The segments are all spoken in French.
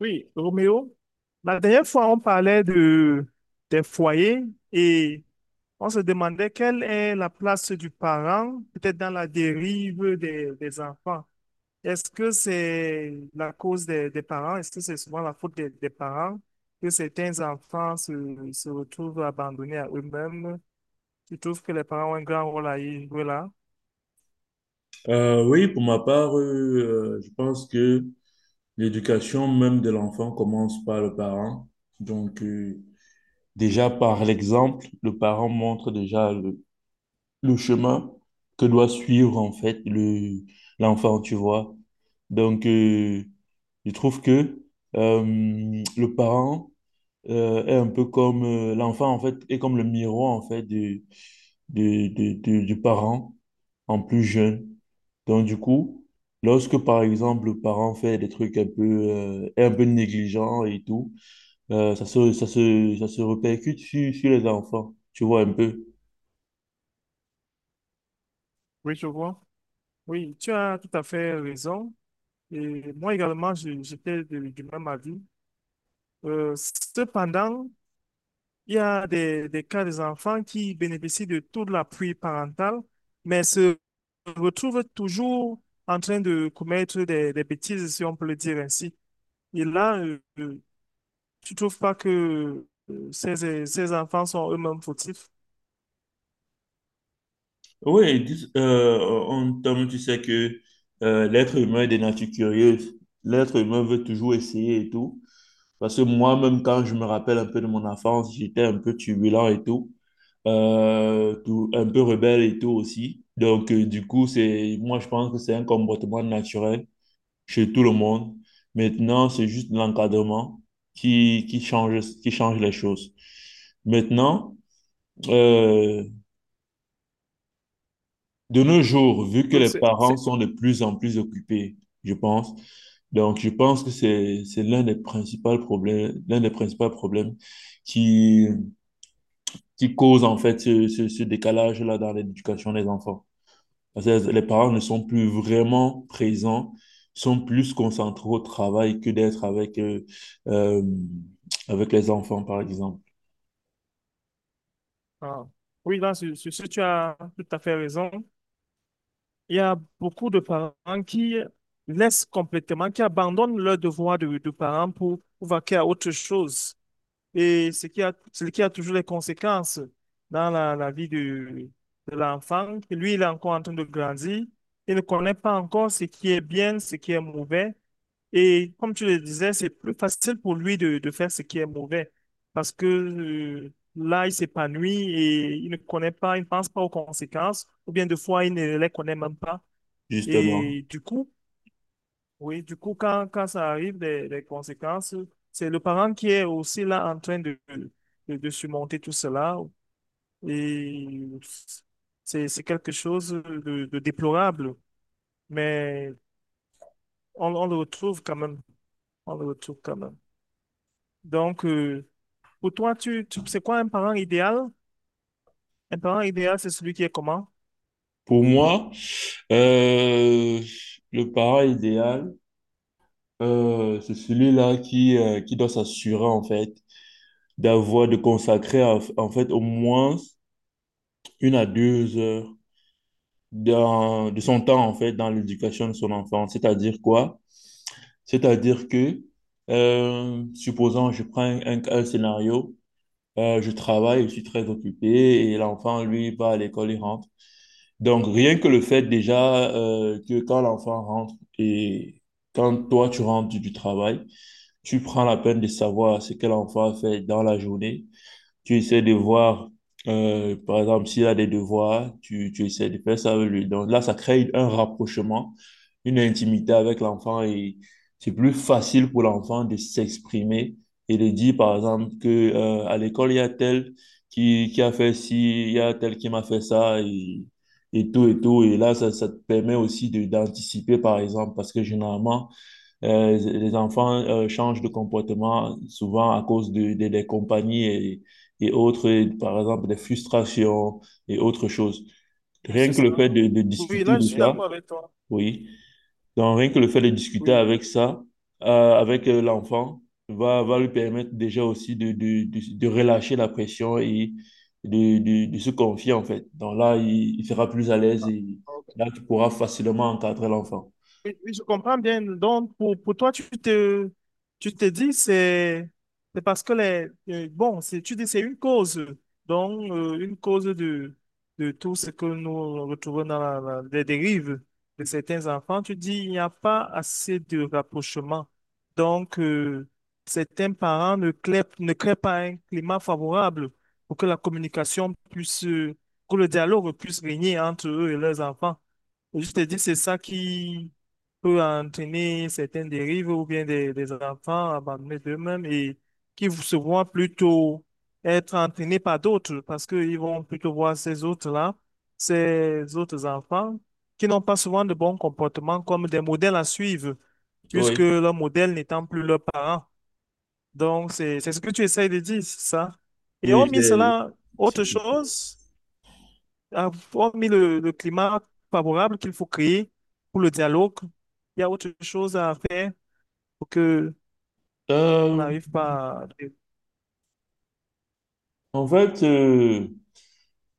Oui, Roméo, la dernière fois, on parlait des foyers et on se demandait quelle est la place du parent, peut-être dans la dérive des enfants. Est-ce que c'est la cause des parents? Est-ce que c'est souvent la faute des parents que certains enfants se retrouvent abandonnés à eux-mêmes? Tu trouves que les parents ont un grand rôle à y jouer là? Oui, pour ma part, je pense que l'éducation même de l'enfant commence par le parent. Donc, déjà par l'exemple, le parent montre déjà le chemin que doit suivre en fait l'enfant, tu vois. Donc, je trouve que euh, le parent est un peu comme l'enfant en fait, est comme le miroir en fait du parent en plus jeune. Donc, du coup, lorsque, par exemple, le parent fait des trucs un peu négligents et tout, ça se répercute sur les enfants, tu vois un peu. Oui, je vois. Oui, tu as tout à fait raison. Et moi également, j'étais du même avis. Cependant, il y a des cas des enfants qui bénéficient de tout l'appui parental, mais se retrouvent toujours en train de commettre des bêtises, si on peut le dire ainsi. Et là, tu trouves pas que ces enfants sont eux-mêmes fautifs? Oui, ils disent, en termes, tu sais que l'être humain est des natures curieuses. L'être humain veut toujours essayer et tout. Parce que moi-même, quand je me rappelle un peu de mon enfance, j'étais un peu turbulent et tout. Tout, un peu rebelle et tout aussi. Donc, du coup, moi, je pense que c'est un comportement naturel chez tout le monde. Maintenant, c'est juste l'encadrement qui change les choses. Maintenant, euh, de nos jours, vu que Oui, les parents sont de plus en plus occupés, je pense, donc je pense que c'est l'un des principaux problèmes, l'un des principaux problèmes qui, qui cause en fait ce décalage-là dans l'éducation des enfants. Parce que les parents ne sont plus vraiment présents, sont plus concentrés au travail que d'être euh, avec les enfants, par exemple. ah. Oui, là, sur ce, tu as tout à fait raison. Il y a beaucoup de parents qui laissent complètement, qui abandonnent leur devoir de parents pour vaquer à autre chose. Et ce qui a toujours des conséquences dans la vie de l'enfant. Lui, il est encore en train de grandir. Il ne connaît pas encore ce qui est bien, ce qui est mauvais. Et comme tu le disais, c'est plus facile pour lui de faire ce qui est mauvais parce que là, il s'épanouit et il ne connaît pas, il ne pense pas aux conséquences ou bien des fois, il ne les connaît même pas. Justement, Et du coup, oui, du coup, quand ça arrive, les conséquences, c'est le parent qui est aussi là en train de surmonter tout cela. Et c'est quelque chose de déplorable, mais on le retrouve quand même. On le retrouve quand même. Donc, pour toi, c'est quoi un parent idéal? Un parent idéal, c'est celui qui est comment? pour moi, euh, le parent idéal, c'est celui-là qui doit s'assurer, en fait, de consacrer, au moins 1 à 2 heures de son temps, en fait, dans l'éducation de son enfant. C'est-à-dire quoi? C'est-à-dire que, supposons, je prends un scénario, je travaille, je suis très occupé et l'enfant, lui, va à l'école, il rentre. Donc, rien que le fait déjà que quand l'enfant rentre et quand toi, tu rentres du travail, tu prends la peine de savoir ce que l'enfant a fait dans la journée. Tu essaies de voir, par exemple, s'il a des devoirs, tu essaies de faire ça avec lui. Donc là, ça crée un rapprochement, une intimité avec l'enfant et c'est plus facile pour l'enfant de s'exprimer et de dire, par exemple, que, à l'école, il y a tel qui a fait ci, il y a tel qui m'a fait ça et tout et tout. Et là, ça te permet aussi d'anticiper, par exemple, parce que généralement, les enfants changent de comportement souvent à cause des compagnies et autres, et par exemple des frustrations et autres choses. Oui, c'est Rien que ça. le fait de Oui, discuter là, je de suis ça, d'accord avec toi. oui. Donc rien que le fait de discuter Oui. avec ça, avec l'enfant, va lui permettre déjà aussi de relâcher la pression et de se confier en fait. Donc là, il sera plus à l'aise et là, tu pourras facilement encadrer l'enfant. Oui, oui, je comprends bien. Donc, pour toi, tu te dis, c'est parce que bon, tu dis, c'est une cause. Donc, une cause de tout ce que nous retrouvons dans les dérives de certains enfants. Tu dis, il n'y a pas assez de rapprochement. Donc, certains parents ne créent pas un climat favorable pour que la communication puisse, pour que le dialogue puisse régner entre eux et leurs enfants. Et je te dis, c'est ça qui, peut entraîner certaines dérives ou bien des enfants abandonnés d'eux-mêmes et qui se voient plutôt être entraînés par d'autres parce qu'ils vont plutôt voir ces autres-là, ces autres enfants qui n'ont pas souvent de bons comportements comme des modèles à suivre puisque Oui, leur modèle n'étant plus leurs parents. Donc, c'est ce que tu essayes de dire, c'est ça. Et oui. hormis cela, autre c'est- chose? Ah, hormis le climat favorable qu'il faut créer pour le dialogue, il y a autre chose à faire pour que on Euh, n'arrive pas à... En fait, euh,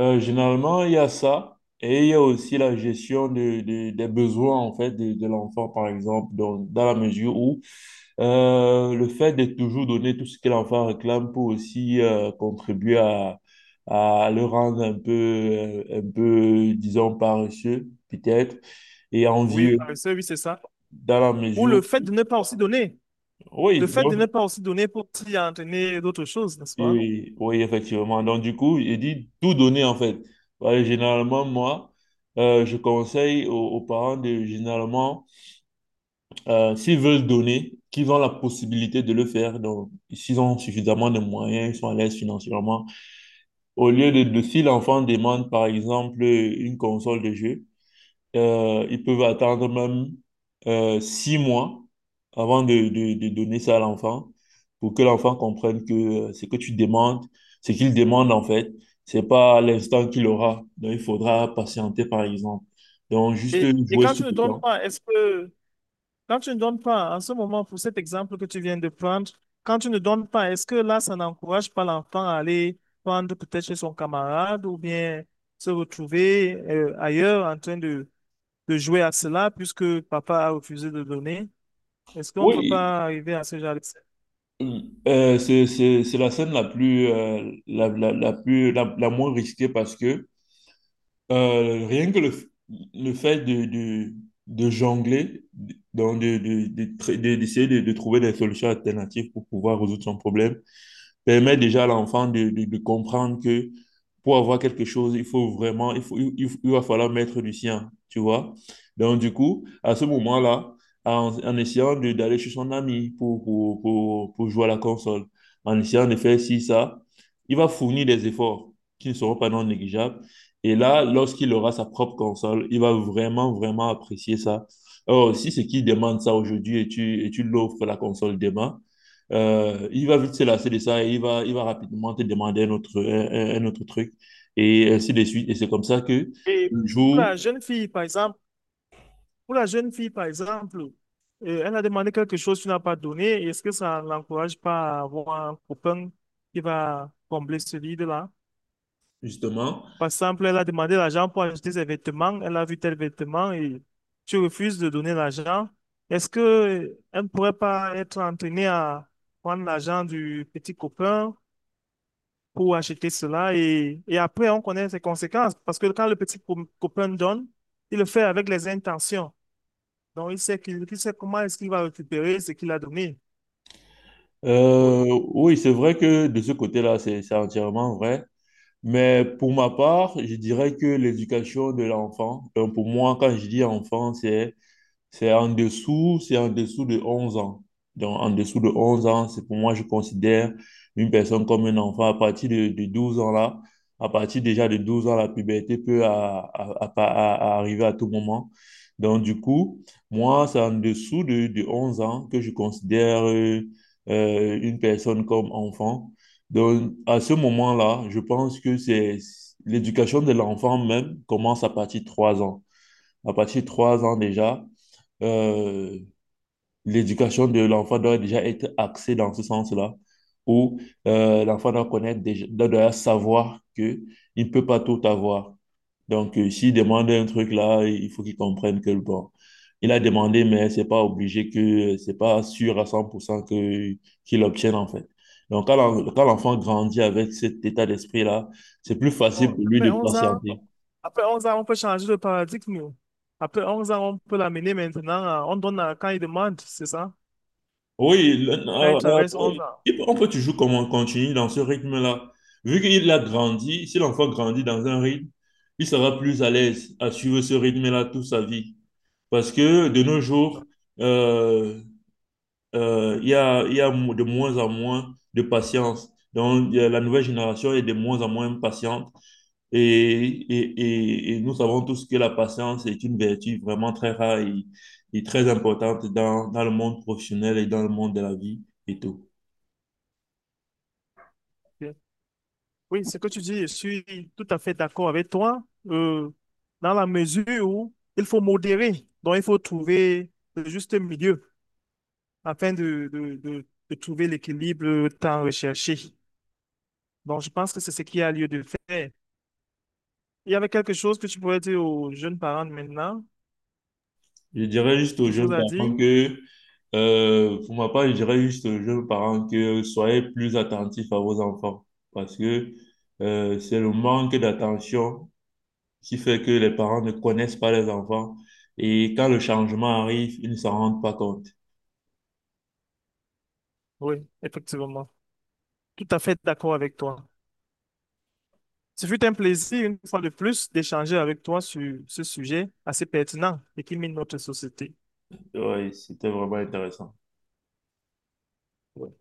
euh, généralement, il y a ça et il y a aussi la gestion des besoins en fait de l'enfant, par exemple, dans la mesure où le fait de toujours donner tout ce que l'enfant réclame peut aussi contribuer à le rendre un peu, disons, paresseux, peut-être, et Oui, envieux, paresseux, oui, c'est ça. dans la Ou mesure le fait où... de ne pas aussi donner. Le Oui, fait de ne pas aussi donner pour t'y entraîner d'autres choses, n'est-ce pas? oui, oui, effectivement. Donc, du coup, j'ai dit tout donner, en fait. Voilà, généralement, moi, je conseille aux parents généralement, s'ils veulent donner, qu'ils ont la possibilité de le faire. Donc, s'ils ont suffisamment de moyens, ils sont à l'aise financièrement. Au lieu si l'enfant demande, par exemple, une console de jeu, ils peuvent attendre même 6 mois avant de donner ça à l'enfant pour que l'enfant comprenne que euh, ce que tu demandes, ce qu'il demande en fait, c'est pas à l'instant qu'il aura. Donc, il faudra patienter par exemple. Donc, juste jouer Quand tu sur ne le donnes temps. pas, quand tu ne donnes pas, en ce moment, pour cet exemple que tu viens de prendre, quand tu ne donnes pas, est-ce que là, ça n'encourage pas l'enfant à aller prendre peut-être chez son camarade ou bien se retrouver ailleurs en train de jouer à cela puisque papa a refusé de donner? Est-ce qu'on ne peut Oui, pas arriver à ce genre de... c'est la scène la plus, la, la, la plus, la moins risquée parce que rien que le fait de jongler, donc d'essayer de trouver des solutions alternatives pour pouvoir résoudre son problème, permet déjà à l'enfant de comprendre que pour avoir quelque chose, il faut vraiment, il faut, il- va falloir mettre du sien, tu vois. Donc, du coup, à ce moment-là, en essayant d'aller chez son ami pour jouer à la console, en essayant de faire ci, ça, il va fournir des efforts qui ne seront pas non négligeables. Et là, lorsqu'il aura sa propre console, il va vraiment, vraiment apprécier ça. Or, si c'est qui demande ça aujourd'hui et tu l'offres la console demain, il va vite se lasser de ça et il va rapidement te demander un autre truc et ainsi de suite. Et c'est comme ça que Et le pour la jour, jeune fille, par exemple, Pour la jeune fille, par exemple, elle a demandé quelque chose, tu n'as pas donné. Est-ce que ça ne l'encourage pas à avoir un copain qui va combler ce vide-là? justement, Par exemple, elle a demandé l'argent pour acheter ses vêtements. Elle a vu tel vêtement et tu refuses de donner l'argent. Est-ce que elle ne pourrait pas être entraînée à prendre l'argent du petit copain pour acheter cela? Et après, on connaît ses conséquences. Parce que quand le petit copain donne, il le fait avec les intentions. Donc, il sait qu'il sait comment est-ce qu'il va récupérer ce qu'il a donné. euh, Oui. oui, c'est vrai que de ce côté-là, c'est entièrement vrai. Mais pour ma part, je dirais que l'éducation de l'enfant, donc pour moi, quand je dis enfant, c'est en dessous de 11 ans. Donc, en dessous de 11 ans, c'est pour moi, je considère une personne comme un enfant. À partir de 12 ans là, à partir déjà de 12 ans, la puberté peut arriver à tout moment. Donc, du coup, moi, c'est en dessous de 11 ans que je considère une personne comme enfant. Donc, à ce moment-là, je pense que c'est l'éducation de l'enfant même commence à partir de 3 ans. À partir de 3 ans déjà, euh, l'éducation de l'enfant doit déjà être axée dans ce sens-là, où l'enfant doit connaître déjà, doit déjà savoir que il ne peut pas tout avoir. Donc, s'il demande un truc là, il faut qu'il comprenne que bon, il a demandé, mais c'est pas obligé que c'est pas sûr à 100% que qu'il obtienne en fait. Donc, quand l'enfant grandit avec cet état d'esprit-là, c'est plus facile Bon, pour lui de patienter. après 11 ans, on peut changer de paradigme. Oui. Après 11 ans, on peut l'amener maintenant. On donne quand il demande, c'est ça? Oui, Quand il traverse euh, 11. Oui, on peut toujours comme on continue dans ce rythme-là. Vu qu'il a grandi, si l'enfant grandit dans un rythme, il sera plus à l'aise à suivre ce rythme-là toute sa vie. Parce que de nos onze jours, ans. euh, il y a de moins en moins de patience. Donc, la nouvelle génération est de moins en moins patiente. Et, et, et nous savons tous que la patience est une vertu vraiment très rare et très importante dans le monde professionnel et dans le monde de la vie et tout. Ok. Oui, ce que tu dis, je suis tout à fait d'accord avec toi. euh, Dans la mesure où il faut modérer. Donc, il faut trouver le juste milieu afin de trouver l'équilibre tant recherché. Donc, je pense que c'est ce qui a lieu de faire. Il y avait quelque chose que tu pourrais dire aux jeunes parents de maintenant? Je dirais juste aux Quelque chose jeunes à parents dire? que, pour ma part, je dirais juste aux jeunes parents que soyez plus attentifs à vos enfants parce que c'est le manque d'attention qui fait que les parents ne connaissent pas les enfants et quand le changement arrive, ils ne s'en rendent pas compte. Oui, effectivement. Tout à fait d'accord avec toi. Ce fut un plaisir, une fois de plus, d'échanger avec toi sur ce sujet assez pertinent et qui mine notre société. Ouais, c'était vraiment intéressant. Oui.